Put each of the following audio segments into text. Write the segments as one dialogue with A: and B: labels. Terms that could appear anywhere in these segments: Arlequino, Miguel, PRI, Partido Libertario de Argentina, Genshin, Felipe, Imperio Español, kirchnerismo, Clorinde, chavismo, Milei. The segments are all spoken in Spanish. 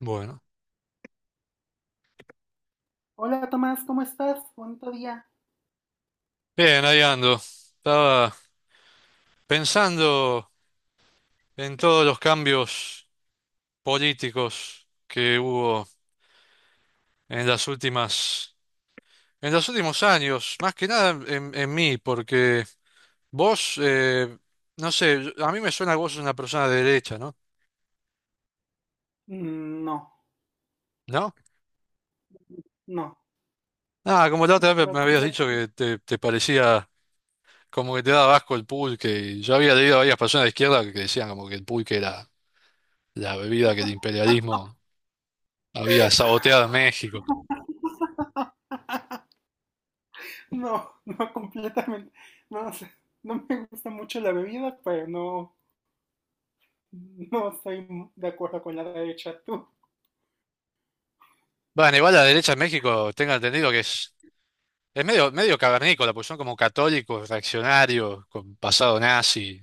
A: Bueno,
B: Hola Tomás, ¿cómo estás? Bonito día.
A: bien, ahí ando. Estaba pensando en todos los cambios políticos que hubo en las últimas, en los últimos años, más que nada en, en mí, porque vos, no sé, a mí me suena que vos sos una persona de derecha, ¿no?
B: Mm, no,
A: ¿No?
B: no,
A: Ah, como la otra vez
B: no,
A: me habías
B: completa,
A: dicho que te parecía como que te daba asco el pulque, y yo había leído a varias personas de izquierda que decían como que el pulque era la bebida que el imperialismo había saboteado en México.
B: no, no completamente. No, o sea, no me gusta mucho la bebida, pero no, no estoy de acuerdo con la derecha. Tú,
A: Bueno, igual la derecha en México, tengo entendido que es medio, medio cavernícola, pues son como católicos, reaccionarios, con pasado nazi.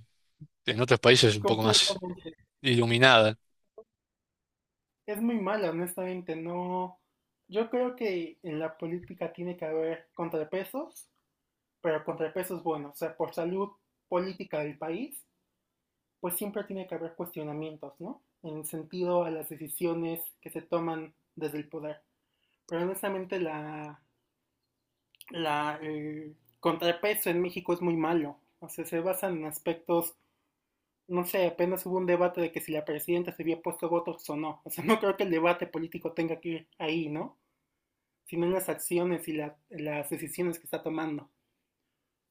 A: En otros países es un poco más
B: completamente.
A: iluminada.
B: Es muy mala, honestamente. No, yo creo que en la política tiene que haber contrapesos, pero contrapesos buenos, o sea, por salud política del país pues siempre tiene que haber cuestionamientos, ¿no? En el sentido a las decisiones que se toman desde el poder. Pero honestamente el contrapeso en México es muy malo. O sea, se basan en aspectos, no sé, apenas hubo un debate de que si la presidenta se había puesto votos o no. O sea, no creo que el debate político tenga que ir ahí, ¿no? Sino en las acciones y la, las decisiones que está tomando.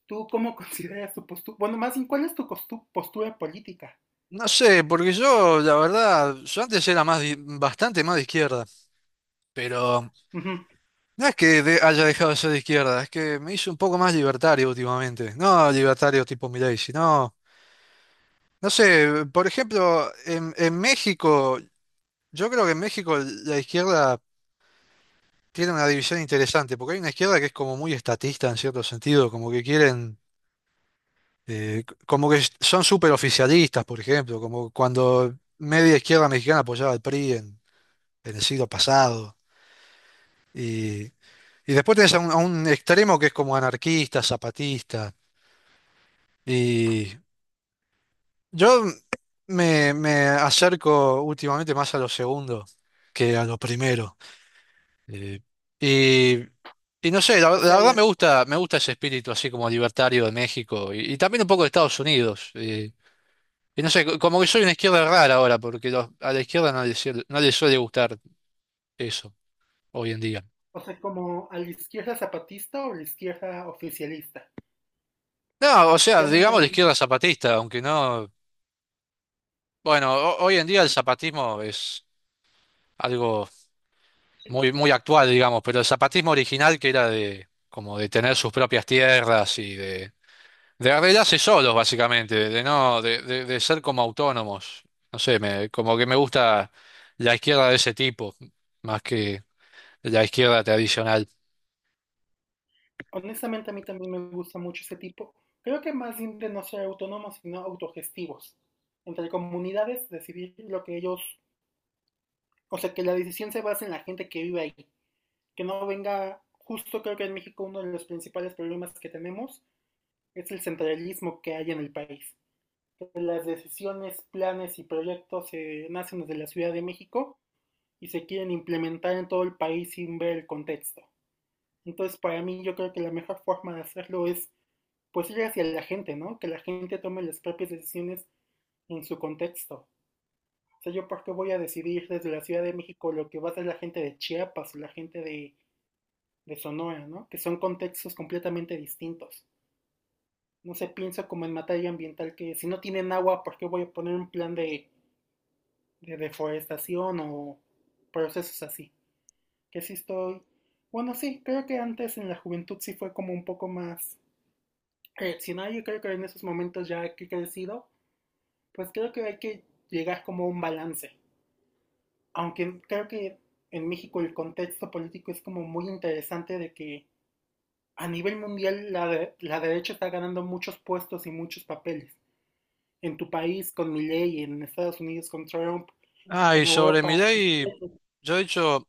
B: ¿Tú cómo consideras tu postura? Bueno, más bien, ¿cuál es tu postura política?
A: No sé, porque yo, la verdad, yo antes era más bastante más de izquierda, pero
B: Uh -huh.
A: no es que haya dejado de ser de izquierda, es que me hice un poco más libertario últimamente. No libertario tipo Milei, sino, no sé, por ejemplo, en México, yo creo que en México la izquierda tiene una división interesante, porque hay una izquierda que es como muy estatista en cierto sentido, como que quieren, como que son súper oficialistas, por ejemplo, como cuando media izquierda mexicana apoyaba al PRI en el siglo pasado. Y, y después tenés a un extremo que es como anarquista, zapatista. Y yo me, me acerco últimamente más a lo segundo que a lo primero. Eh, y, y no sé, la,
B: O
A: la
B: sea,
A: verdad
B: la,
A: me gusta ese espíritu así como libertario de México y también un poco de Estados Unidos. Y no sé, como que soy una izquierda rara ahora, porque a la izquierda no le, no le suele gustar eso hoy en día.
B: o sea, ¿como a la izquierda zapatista o a la izquierda oficialista?
A: No, o sea,
B: Ya me
A: digamos la
B: entendí.
A: izquierda zapatista, aunque no. Bueno, hoy en día el zapatismo es algo muy, muy actual, digamos, pero el zapatismo original que era de como de tener sus propias tierras y de arreglarse solos, básicamente, de no, de, de ser como autónomos. No sé, me, como que me gusta la izquierda de ese tipo, más que la izquierda tradicional.
B: Honestamente, a mí también me gusta mucho ese tipo. Creo que más bien de no ser autónomos, sino autogestivos. Entre comunidades, decidir lo que ellos. O sea, que la decisión se base en la gente que vive ahí. Que no venga. Justo creo que en México uno de los principales problemas que tenemos es el centralismo que hay en el país. Las decisiones, planes y proyectos se nacen desde la Ciudad de México y se quieren implementar en todo el país sin ver el contexto. Entonces, para mí, yo creo que la mejor forma de hacerlo es, pues, ir hacia la gente, ¿no? Que la gente tome las propias decisiones en su contexto. O sea, yo por qué voy a decidir desde la Ciudad de México lo que va a hacer la gente de Chiapas o la gente de Sonora, ¿no? Que son contextos completamente distintos. No se piensa como en materia ambiental que si no tienen agua, ¿por qué voy a poner un plan de deforestación o procesos así? Que sí estoy. Bueno, sí, creo que antes en la juventud sí fue como un poco más reaccionario. Creo que en esos momentos ya que he crecido, pues creo que hay que llegar como a un balance. Aunque creo que en México el contexto político es como muy interesante de que a nivel mundial la, de- la derecha está ganando muchos puestos y muchos papeles. En tu país con Milei, en Estados Unidos con Trump,
A: Ah, y
B: en
A: sobre
B: Europa. Y
A: Milei, yo he hecho,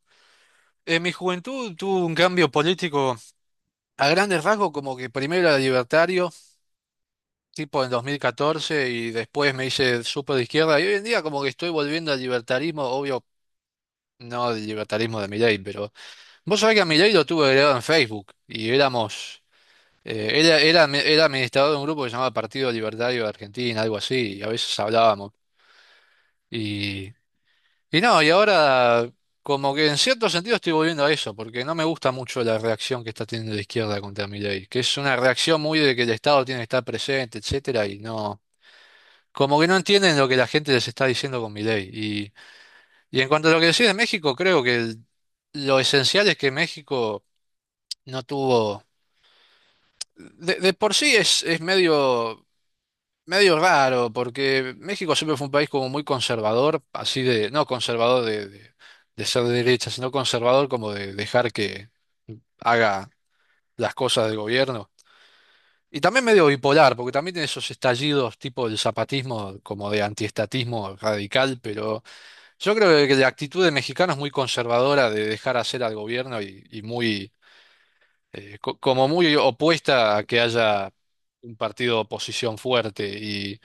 A: en mi juventud tuvo un cambio político a grandes rasgos, como que primero era libertario, tipo en 2014, y después me hice súper de izquierda, y hoy en día como que estoy volviendo al libertarismo, obvio, no al libertarismo de Milei, pero vos sabés que a Milei lo tuve agregado en Facebook, y éramos él era, era, era administrador de un grupo que se llamaba Partido Libertario de Argentina, algo así, y a veces hablábamos. Y, y no, y ahora como que en cierto sentido estoy volviendo a eso, porque no me gusta mucho la reacción que está teniendo la izquierda contra ley que es una reacción muy de que el Estado tiene que estar presente, etcétera, y no, como que no entienden lo que la gente les está diciendo con Milei. Y en cuanto a lo que decís de México, creo que lo esencial es que México no tuvo... de por sí es medio. Medio raro, porque México siempre fue un país como muy conservador, así de, no conservador de ser de derecha, sino conservador como de dejar que haga las cosas del gobierno. Y también medio bipolar, porque también tiene esos estallidos tipo del zapatismo, como de antiestatismo radical, pero yo creo que la actitud de mexicano es muy conservadora de dejar hacer al gobierno y muy, como muy opuesta a que haya un partido de oposición fuerte.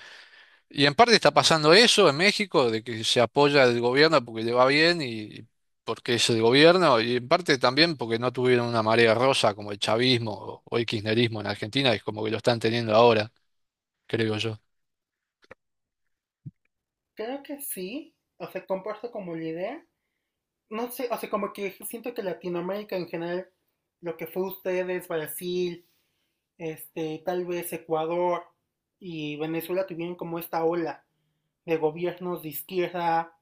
A: Y en parte está pasando eso en México, de que se apoya el gobierno porque le va bien y porque es el gobierno, y en parte también porque no tuvieron una marea rosa como el chavismo o el kirchnerismo en Argentina, es como que lo están teniendo ahora, creo yo.
B: creo que sí, o sea, comparto como la idea, no sé, o sea, como que siento que Latinoamérica en general, lo que fue ustedes, Brasil, este, tal vez Ecuador y Venezuela tuvieron como esta ola de gobiernos de izquierda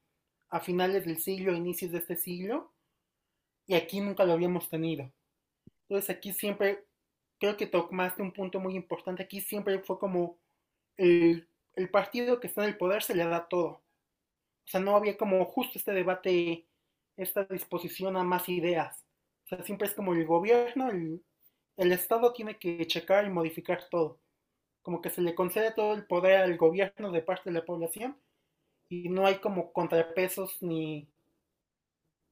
B: a finales del siglo, inicios de este siglo, y aquí nunca lo habíamos tenido. Entonces aquí siempre, creo que tocaste un punto muy importante, aquí siempre fue como el, el partido que está en el poder se le da todo. O sea, no había como justo este debate, esta disposición a más ideas. O sea, siempre es como el gobierno, el Estado tiene que checar y modificar todo. Como que se le concede todo el poder al gobierno de parte de la población y no hay como contrapesos ni,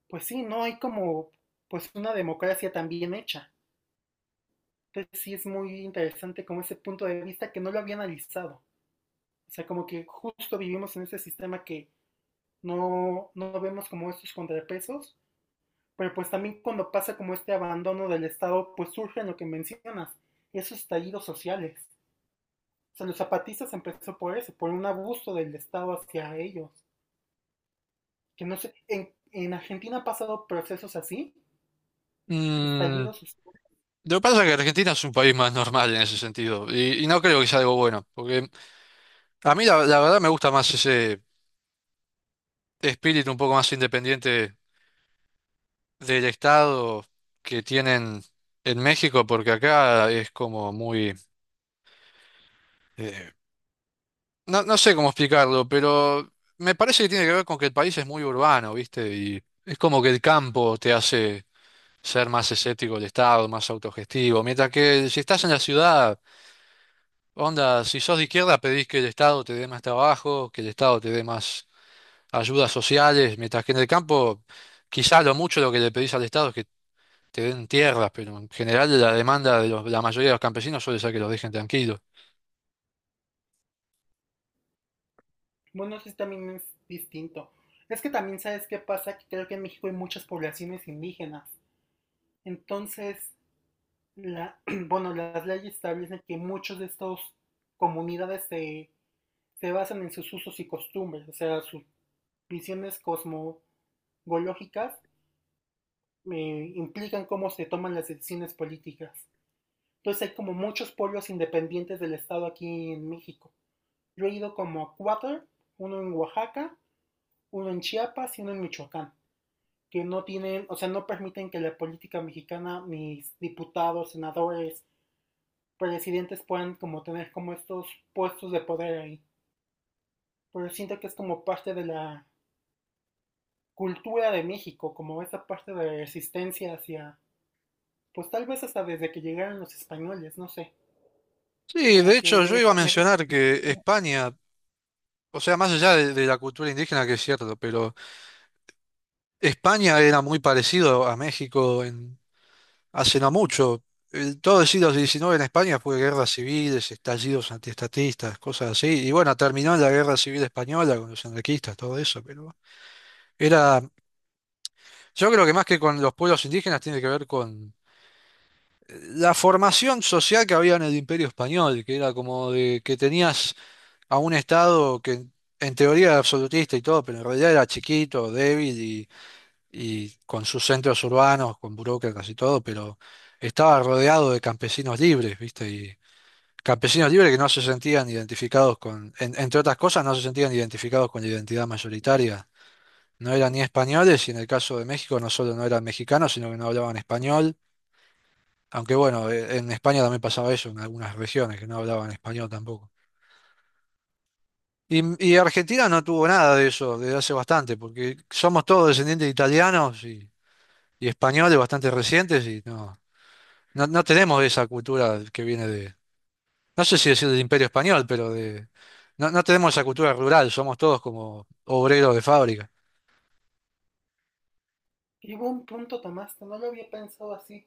B: pues sí, no hay como pues una democracia tan bien hecha. Entonces sí es muy interesante como ese punto de vista que no lo había analizado. O sea, como que justo vivimos en ese sistema que no vemos como estos contrapesos, pero pues también cuando pasa como este abandono del Estado, pues surgen lo que mencionas, esos estallidos sociales. O sea, los zapatistas empezó por eso, por un abuso del Estado hacia ellos. Que no sé, en Argentina han pasado procesos así,
A: Mm,
B: estallidos sociales.
A: lo que pasa es que Argentina es un país más normal en ese sentido, y no creo que sea algo bueno, porque a mí la, la verdad me gusta más ese espíritu un poco más independiente del Estado que tienen en México, porque acá es como muy... eh, No, no sé cómo explicarlo, pero me parece que tiene que ver con que el país es muy urbano, ¿viste? Y es como que el campo te hace ser más escéptico del Estado, más autogestivo. Mientras que si estás en la ciudad, onda, si sos de izquierda pedís que el Estado te dé más trabajo, que el Estado te dé más ayudas sociales, mientras que en el campo quizá lo mucho lo que le pedís al Estado es que te den tierras, pero en general la demanda de la mayoría de los campesinos suele ser que los dejen tranquilos.
B: Bueno, eso sí también es distinto. Es que también sabes qué pasa, que creo que en México hay muchas poblaciones indígenas. Entonces, la, bueno, las leyes establecen que muchos de estos comunidades se, se basan en sus usos y costumbres, o sea, sus visiones cosmogológicas implican cómo se toman las decisiones políticas. Entonces hay como muchos polos independientes del Estado aquí en México. Yo he ido como a cuatro, uno en Oaxaca, uno en Chiapas y uno en Michoacán, que no tienen, o sea, no permiten que la política mexicana, mis diputados, senadores, presidentes puedan como tener como estos puestos de poder ahí. Pero siento que es como parte de la cultura de México, como esa parte de resistencia hacia pues tal vez hasta desde que llegaron los españoles, no sé,
A: Sí,
B: como
A: de
B: que
A: hecho yo iba a
B: me deja
A: mencionar que
B: como-
A: España... O sea, más allá de la cultura indígena, que es cierto, pero España era muy parecido a México en, hace no mucho. Todo el siglo XIX en España fue guerras civiles, estallidos antiestatistas, cosas así. Y bueno, terminó en la guerra civil española con los anarquistas, todo eso. Pero era, yo creo que más que con los pueblos indígenas tiene que ver con la formación social que había en el Imperio Español, que era como de que tenías a un Estado que en teoría era absolutista y todo, pero en realidad era chiquito, débil y con sus centros urbanos, con burócratas y todo, pero estaba rodeado de campesinos libres, ¿viste? Y campesinos libres que no se sentían identificados con, entre otras cosas, no se sentían identificados con la identidad mayoritaria. No eran ni españoles y en el caso de México no solo no eran mexicanos, sino que no hablaban español. Aunque bueno, en España también pasaba eso en algunas regiones que no hablaban español tampoco. Y, y Argentina no tuvo nada de eso desde hace bastante, porque somos todos descendientes de italianos y españoles bastante recientes y no. No, no tenemos esa cultura que viene de, no sé si decir del Imperio Español, pero de, no, no tenemos esa cultura rural, somos todos como obreros de fábrica.
B: Y hubo un punto, Tomás, que no lo había pensado así,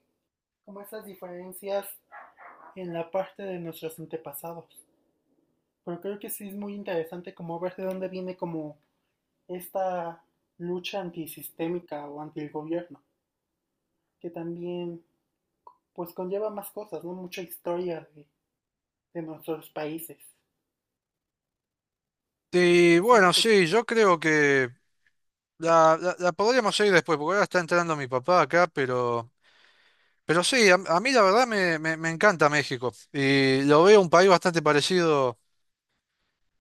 B: como esas diferencias en la parte de nuestros antepasados. Pero creo que sí es muy interesante como ver de dónde viene como esta lucha antisistémica o anti el gobierno, que también pues conlleva más cosas, ¿no? Mucha historia de nuestros países.
A: Y
B: Siento
A: bueno,
B: que
A: sí, yo creo que la, la podríamos seguir después, porque ahora está entrando mi papá acá, pero sí, a mí la verdad me, me encanta México y lo veo un país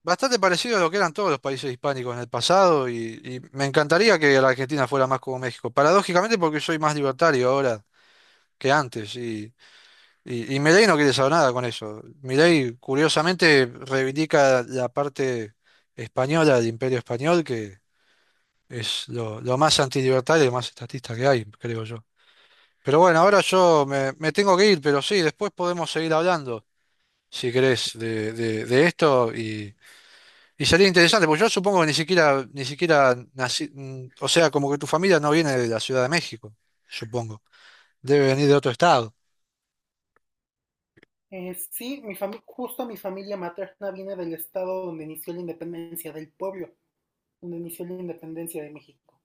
A: bastante parecido a lo que eran todos los países hispánicos en el pasado y me encantaría que la Argentina fuera más como México, paradójicamente porque soy más libertario ahora que antes. Y Milei no quiere saber nada con eso. Milei, curiosamente, reivindica la parte española del Imperio Español, que es lo más antilibertario y lo más estatista que hay, creo yo. Pero bueno, ahora yo me, me tengo que ir, pero sí, después podemos seguir hablando, si querés, de, de esto. Y sería interesante, porque yo supongo que ni siquiera, ni siquiera nací, o sea, como que tu familia no viene de la Ciudad de México, supongo. Debe venir de otro estado.
B: Sí, justo mi familia materna viene del estado donde inició la independencia, del pueblo donde inició la independencia de México.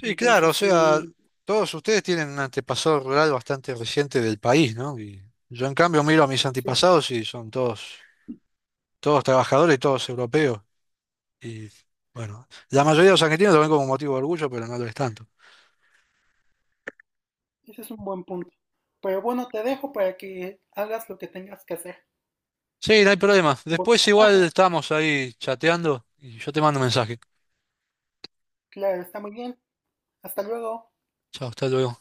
A: Sí, claro, o
B: Entonces
A: sea,
B: sí,
A: todos ustedes tienen un antepasado rural bastante reciente del país, ¿no? Y yo en cambio miro a mis
B: sí,
A: antepasados y son todos, todos trabajadores, todos europeos. Y bueno, la mayoría de los argentinos lo ven como motivo de orgullo, pero no lo es tanto.
B: ese es un buen punto. Pero bueno, te dejo para que hagas lo que tengas que hacer.
A: Sí, no hay problema.
B: Bueno,
A: Después igual estamos ahí chateando y yo te mando un mensaje.
B: claro, está muy bien. Hasta luego.
A: Chao, hasta luego.